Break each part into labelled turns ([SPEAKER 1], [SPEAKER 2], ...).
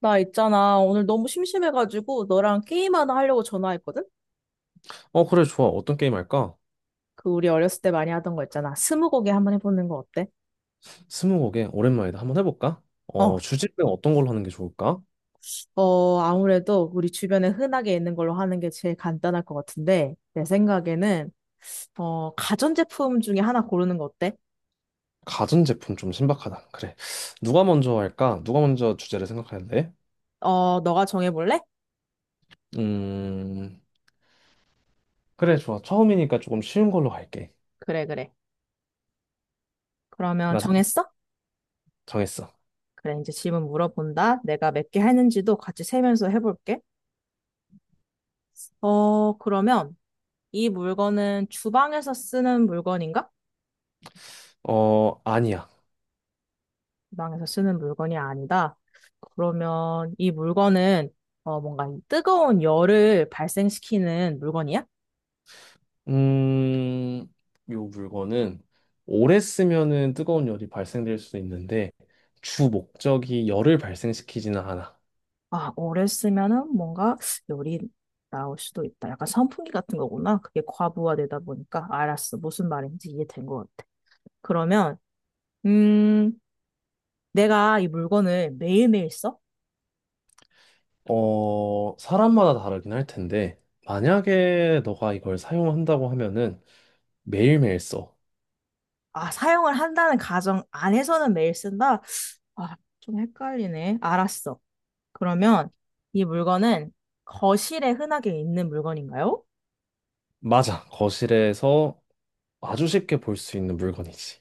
[SPEAKER 1] 나 있잖아. 오늘 너무 심심해가지고 너랑 게임 하나 하려고 전화했거든?
[SPEAKER 2] 그래, 좋아. 어떤 게임 할까?
[SPEAKER 1] 그 우리 어렸을 때 많이 하던 거 있잖아. 스무고개 한번 해보는 거 어때?
[SPEAKER 2] 스무고개, 오랜만이다. 한번 해볼까?
[SPEAKER 1] 어,
[SPEAKER 2] 주제는 어떤 걸로 하는 게 좋을까?
[SPEAKER 1] 아무래도 우리 주변에 흔하게 있는 걸로 하는 게 제일 간단할 것 같은데, 내 생각에는, 가전제품 중에 하나 고르는 거 어때?
[SPEAKER 2] 가전제품 좀 신박하다. 그래. 누가 먼저 할까? 누가 먼저 주제를 생각하는데?
[SPEAKER 1] 너가 정해볼래?
[SPEAKER 2] 음, 그래, 좋아. 처음이니까 조금 쉬운 걸로 할게.
[SPEAKER 1] 그래, 그래. 그러면
[SPEAKER 2] 나 생-
[SPEAKER 1] 정했어?
[SPEAKER 2] 정했어.
[SPEAKER 1] 그래, 이제 질문 물어본다. 내가 몇 개 했는지도 같이 세면서 해볼게. 그러면 이 물건은 주방에서 쓰는 물건인가?
[SPEAKER 2] 어, 아니야.
[SPEAKER 1] 주방에서 쓰는 물건이 아니다. 그러면 이 물건은 뭔가 이 뜨거운 열을 발생시키는 물건이야?
[SPEAKER 2] 음, 요 물건은 오래 쓰면은 뜨거운 열이 발생될 수 있는데, 주 목적이 열을 발생시키지는 않아.
[SPEAKER 1] 아, 오래 쓰면은 뭔가 열이 나올 수도 있다. 약간 선풍기 같은 거구나. 그게 과부하되다 보니까. 알았어. 무슨 말인지 이해된 것 같아. 그러면, 음, 내가 이 물건을 매일매일 써?
[SPEAKER 2] 사람마다 다르긴 할 텐데, 만약에 너가 이걸 사용한다고 하면은 매일매일 써.
[SPEAKER 1] 아, 사용을 한다는 가정 안에서는 매일 쓴다? 아, 좀 헷갈리네. 알았어. 그러면 이 물건은 거실에 흔하게 있는 물건인가요?
[SPEAKER 2] 맞아. 거실에서 아주 쉽게 볼 수 있는 물건이지.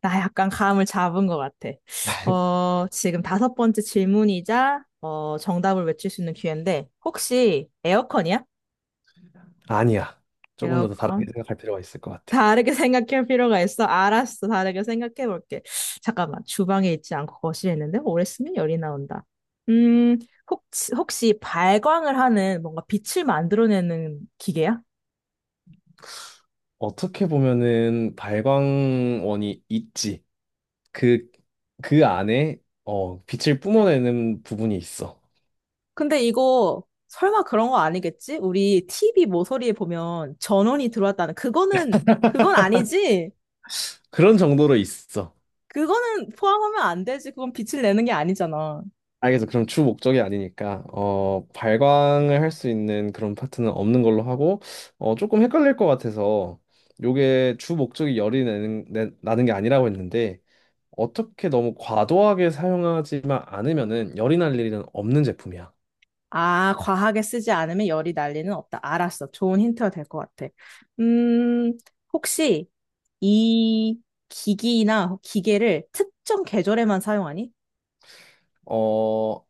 [SPEAKER 1] 나 약간 감을 잡은 것 같아. 지금 다섯 번째 질문이자 정답을 외칠 수 있는 기회인데 혹시 에어컨이야?
[SPEAKER 2] 아니야. 조금 더 다르게
[SPEAKER 1] 에어컨?
[SPEAKER 2] 생각할 필요가 있을 것 같아.
[SPEAKER 1] 다르게 생각할 필요가 있어. 알았어. 다르게 생각해 볼게. 잠깐만. 주방에 있지 않고 거실에 있는데 오래 쓰면 열이 나온다. 음, 혹시 발광을 하는 뭔가 빛을 만들어내는 기계야?
[SPEAKER 2] 어떻게 보면은 발광원이 있지. 그, 그 안에 빛을 뿜어내는 부분이 있어.
[SPEAKER 1] 근데 이거 설마 그런 거 아니겠지? 우리 TV 모서리에 보면 전원이 들어왔다는 그거는 그건 아니지.
[SPEAKER 2] 그런 정도로 있어.
[SPEAKER 1] 그거는 포함하면 안 되지. 그건 빛을 내는 게 아니잖아.
[SPEAKER 2] 알겠어. 그럼 주 목적이 아니니까 발광을 할 수 있는 그런 파트는 없는 걸로 하고 조금 헷갈릴 것 같아서 요게 주 목적이 나는 게 아니라고 했는데 어떻게 너무 과도하게 사용하지만 않으면은 열이 날 일은 없는 제품이야.
[SPEAKER 1] 아, 과하게 쓰지 않으면 열이 날 리는 없다. 알았어. 좋은 힌트가 될 것 같아. 음, 혹시 이 기기나 기계를 특정 계절에만 사용하니?
[SPEAKER 2] 어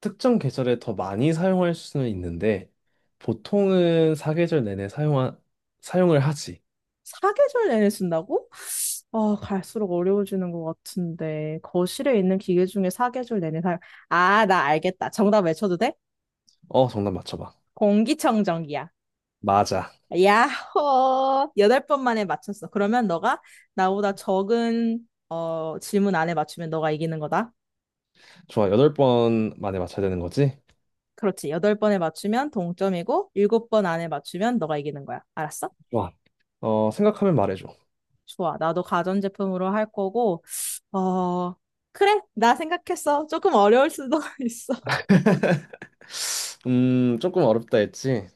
[SPEAKER 2] 특정 계절에 더 많이 사용할 수는 있는데 보통은 사계절 내내 사용을 하지.
[SPEAKER 1] 사계절 내내 쓴다고? 아, 갈수록 어려워지는 것 같은데. 거실에 있는 기계 중에 사계절 내내 사 아, 나 알겠다. 정답 외쳐도 돼?
[SPEAKER 2] 정답 맞춰봐.
[SPEAKER 1] 공기청정기야.
[SPEAKER 2] 맞아.
[SPEAKER 1] 야호! 여덟 번 만에 맞췄어. 그러면 너가 나보다 적은 질문 안에 맞추면 너가 이기는 거다.
[SPEAKER 2] 좋아. 여덟 번 만에 맞춰야 되는 거지?
[SPEAKER 1] 그렇지. 여덟 번에 맞추면 동점이고, 일곱 번 안에 맞추면 너가 이기는 거야. 알았어?
[SPEAKER 2] 와, 생각하면 말해줘.
[SPEAKER 1] 좋아. 나도 가전제품으로 할 거고, 어, 그래. 나 생각했어. 조금 어려울 수도 있어.
[SPEAKER 2] 조금 어렵다 했지?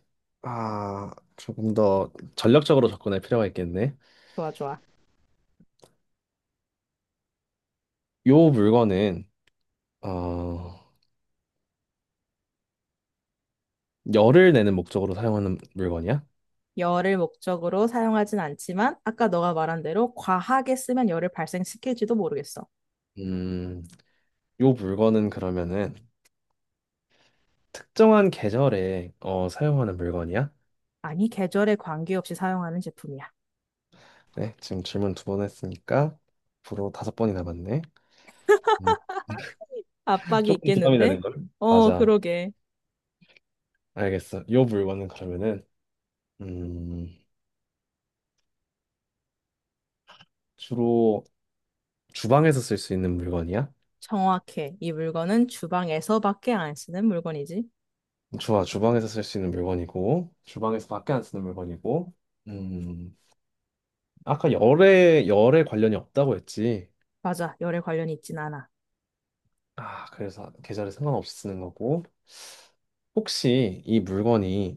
[SPEAKER 2] 아, 조금 더 전략적으로 접근할 필요가 있겠네.
[SPEAKER 1] 좋아, 좋아.
[SPEAKER 2] 요 물건은, 어, 열을 내는 목적으로 사용하는 물건이야?
[SPEAKER 1] 열을 목적으로 사용하진 않지만 아까 너가 말한 대로 과하게 쓰면 열을 발생시킬지도 모르겠어.
[SPEAKER 2] 음, 요 물건은 그러면은 특정한 계절에 사용하는 물건이야?
[SPEAKER 1] 아니, 계절에 관계없이 사용하는 제품이야.
[SPEAKER 2] 네, 지금 질문 두 번 했으니까 앞으로 다섯 번이 남았네. 음,
[SPEAKER 1] 압박이
[SPEAKER 2] 조금 부담이
[SPEAKER 1] 있겠는데?
[SPEAKER 2] 되는 걸? 맞아.
[SPEAKER 1] 그러게.
[SPEAKER 2] 알겠어. 요 물건은 그러면은 음, 주로 주방에서 쓸 수 있는 물건이야?
[SPEAKER 1] 정확해. 이 물건은 주방에서밖에 안 쓰는 물건이지.
[SPEAKER 2] 좋아, 주방에서 쓸 수 있는 물건이고, 주방에서 밖에 안 쓰는 물건이고, 음, 아까 열에 관련이 없다고 했지.
[SPEAKER 1] 맞아. 열에 관련이 있진 않아.
[SPEAKER 2] 아, 그래서 계절에 상관없이 쓰는 거고, 혹시 이 물건이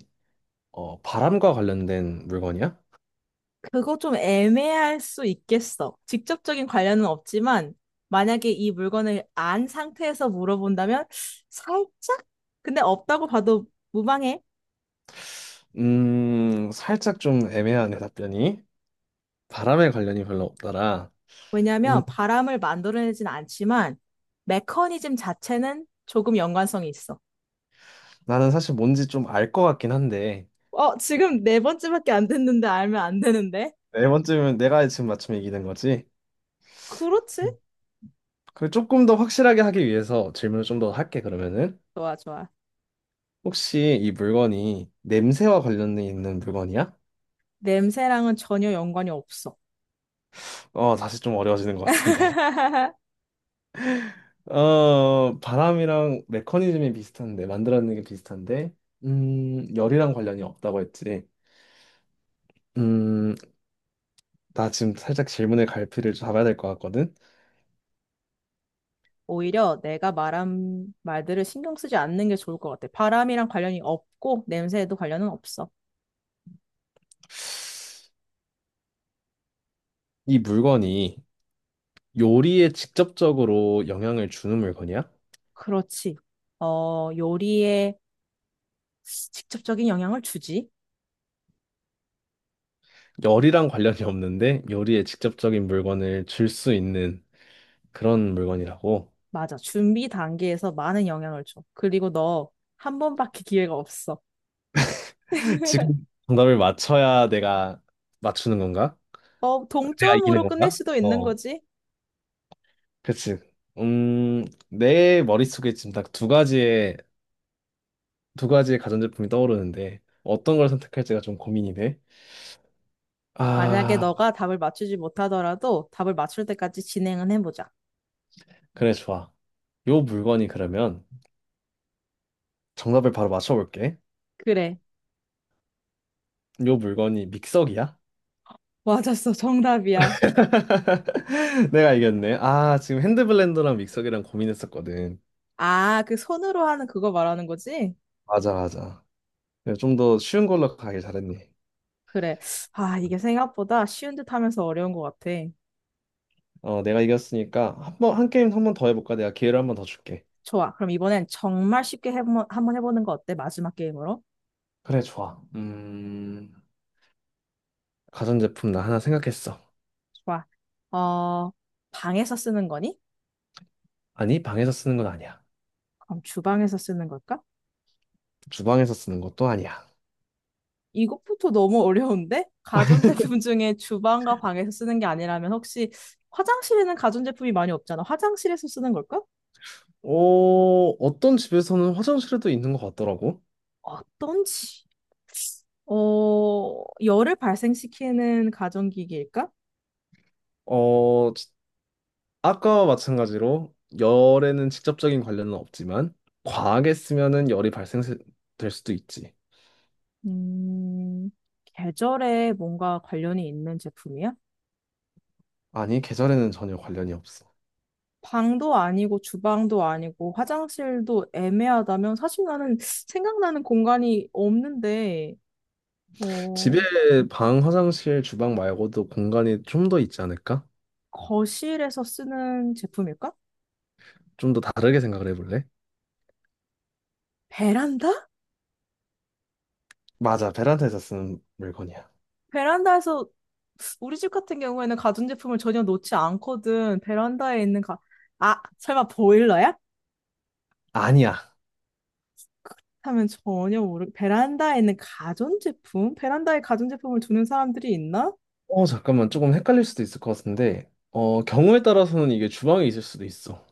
[SPEAKER 2] 바람과 관련된 물건이야?
[SPEAKER 1] 그거 좀 애매할 수 있겠어. 직접적인 관련은 없지만 만약에 이 물건을 안 상태에서 물어본다면 살짝? 근데 없다고 봐도 무방해.
[SPEAKER 2] 살짝 좀 애매하네, 답변이. 바람에 관련이 별로 없더라. 음,
[SPEAKER 1] 왜냐하면 바람을 만들어내진 않지만 메커니즘 자체는 조금 연관성이 있어.
[SPEAKER 2] 나는 사실 뭔지 좀 알 것 같긴 한데,
[SPEAKER 1] 지금 네 번째밖에 안 됐는데 알면 안 되는데?
[SPEAKER 2] 네 번째면 내가 지금 맞추면 이기는 거지?
[SPEAKER 1] 그렇지?
[SPEAKER 2] 그 조금 더 확실하게 하기 위해서 질문을 좀 더 할게, 그러면은.
[SPEAKER 1] 좋아, 좋아.
[SPEAKER 2] 혹시 이 물건이 냄새와 관련돼 있는 물건이야?
[SPEAKER 1] 냄새랑은 전혀 연관이 없어.
[SPEAKER 2] 어, 다시 좀 어려워지는 것 같은데. 어, 바람이랑 메커니즘이 비슷한데, 만들어내는 게 비슷한데, 열이랑 관련이 없다고 했지. 음, 나 지금 살짝 질문의 갈피를 잡아야 될 것 같거든.
[SPEAKER 1] 오히려 내가 말한 말들을 신경 쓰지 않는 게 좋을 것 같아. 바람이랑 관련이 없고 냄새에도 관련은 없어.
[SPEAKER 2] 이 물건이 요리에 직접적으로 영향을 주는 물건이야?
[SPEAKER 1] 그렇지. 요리에 직접적인 영향을 주지.
[SPEAKER 2] 열이랑 관련이 없는데 요리에 직접적인 물건을 줄 수 있는 그런 물건이라고?
[SPEAKER 1] 맞아. 준비 단계에서 많은 영향을 줘. 그리고 너 한 번밖에 기회가 없어.
[SPEAKER 2] 지금 정답을 맞춰야 내가 맞추는 건가? 내가 이기는
[SPEAKER 1] 동점으로 끝낼
[SPEAKER 2] 건가?
[SPEAKER 1] 수도 있는
[SPEAKER 2] 어,
[SPEAKER 1] 거지.
[SPEAKER 2] 그치. 내 머릿속에 지금 딱 두 가지의, 두 가지의 가전제품이 떠오르는데, 어떤 걸 선택할지가 좀 고민이 돼.
[SPEAKER 1] 만약에
[SPEAKER 2] 아,
[SPEAKER 1] 너가 답을 맞추지 못하더라도 답을 맞출 때까지 진행은 해보자.
[SPEAKER 2] 그래, 좋아. 요 물건이 그러면 정답을 바로 맞춰볼게.
[SPEAKER 1] 그래.
[SPEAKER 2] 요 물건이 믹서기야?
[SPEAKER 1] 맞았어. 정답이야.
[SPEAKER 2] 내가 이겼네. 아, 지금 핸드블렌더랑 믹서기랑 고민했었거든.
[SPEAKER 1] 아, 그 손으로 하는 그거 말하는 거지?
[SPEAKER 2] 맞아, 맞아. 좀 더 쉬운 걸로 가길 잘했네.
[SPEAKER 1] 그래. 아, 이게 생각보다 쉬운 듯 하면서 어려운 것 같아.
[SPEAKER 2] 어, 내가 이겼으니까 한 게임 한 번 더 해볼까? 내가 기회를 한 번 더 줄게.
[SPEAKER 1] 좋아. 그럼 이번엔 정말 쉽게 한번 해보는 거 어때? 마지막 게임으로.
[SPEAKER 2] 그래, 좋아. 가전제품 나 하나 생각했어.
[SPEAKER 1] 좋아. 어, 방에서 쓰는 거니?
[SPEAKER 2] 아니, 방에서 쓰는 건 아니야.
[SPEAKER 1] 그럼 주방에서 쓰는 걸까?
[SPEAKER 2] 주방에서 쓰는 것도 아니야.
[SPEAKER 1] 이것부터 너무 어려운데? 가전제품 중에 주방과 방에서 쓰는 게 아니라면 혹시 화장실에는 가전제품이 많이 없잖아. 화장실에서 쓰는 걸까?
[SPEAKER 2] 어, 어떤 집에서는 화장실에도 있는 것 같더라고.
[SPEAKER 1] 어떤지. 열을 발생시키는 가전기기일까?
[SPEAKER 2] 어, 지- 아까와 마찬가지로 열에는 직접적인 관련은 없지만 과하게 쓰면은 열이 발생될 수도 있지.
[SPEAKER 1] 음, 계절에 뭔가 관련이 있는 제품이야?
[SPEAKER 2] 아니, 계절에는 전혀 관련이 없어.
[SPEAKER 1] 방도 아니고 주방도 아니고 화장실도 애매하다면 사실 나는 생각나는 공간이 없는데,
[SPEAKER 2] 집에
[SPEAKER 1] 어,
[SPEAKER 2] 방, 화장실, 주방 말고도 공간이 좀 더 있지 않을까?
[SPEAKER 1] 거실에서 쓰는 제품일까?
[SPEAKER 2] 좀 더 다르게 생각을 해볼래?
[SPEAKER 1] 베란다?
[SPEAKER 2] 맞아, 베란다에서 쓰는 물건이야.
[SPEAKER 1] 베란다에서 우리 집 같은 경우에는 가전제품을 전혀 놓지 않거든. 베란다에 있는 아, 설마 보일러야?
[SPEAKER 2] 아니야.
[SPEAKER 1] 하면 전혀 베란다에 있는 가전제품? 베란다에 가전제품을 두는 사람들이 있나?
[SPEAKER 2] 어, 잠깐만. 조금 헷갈릴 수도 있을 것 같은데. 어, 경우에 따라서는 이게 주방에 있을 수도 있어.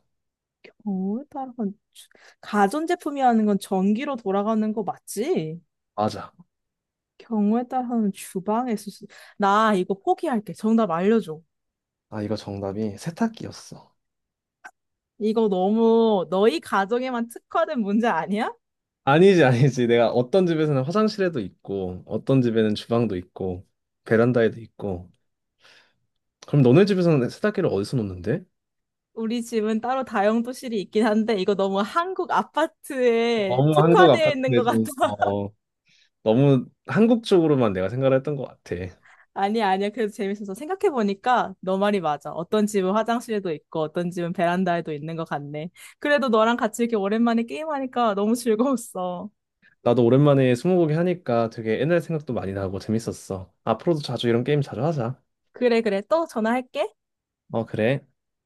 [SPEAKER 1] 어, 따라 주- 가전제품이라는 건 전기로 돌아가는 거 맞지?
[SPEAKER 2] 맞아.
[SPEAKER 1] 경우에 따라서는 나 이거 포기할게. 정답 알려줘.
[SPEAKER 2] 아, 이거 정답이 세탁기였어.
[SPEAKER 1] 이거 너무 너희 가정에만 특화된 문제 아니야?
[SPEAKER 2] 아니지, 아니지. 내가 어떤 집에서는 화장실에도 있고, 어떤 집에는 주방도 있고, 베란다에도 있고. 그럼 너네 집에서는 세탁기를 어디서 놓는데?
[SPEAKER 1] 우리 집은 따로 다용도실이 있긴 한데 이거 너무 한국 아파트에
[SPEAKER 2] 너무 한국
[SPEAKER 1] 특화되어 있는
[SPEAKER 2] 아파트네
[SPEAKER 1] 것 같아.
[SPEAKER 2] 좀, 어, 너무 한국 쪽으로만 내가 생각을 했던 것 같아.
[SPEAKER 1] 아니야, 아니야. 그래도 재밌어서 생각해보니까 너 말이 맞아. 어떤 집은 화장실에도 있고 어떤 집은 베란다에도 있는 것 같네. 그래도 너랑 같이 이렇게 오랜만에 게임하니까 너무 즐거웠어.
[SPEAKER 2] 나도 오랜만에 스무고개 하니까 되게 옛날 생각도 많이 나고 재밌었어. 앞으로도 자주 이런 게임 자주 하자.
[SPEAKER 1] 그래, 그래. 또 전화할게.
[SPEAKER 2] 어, 그래.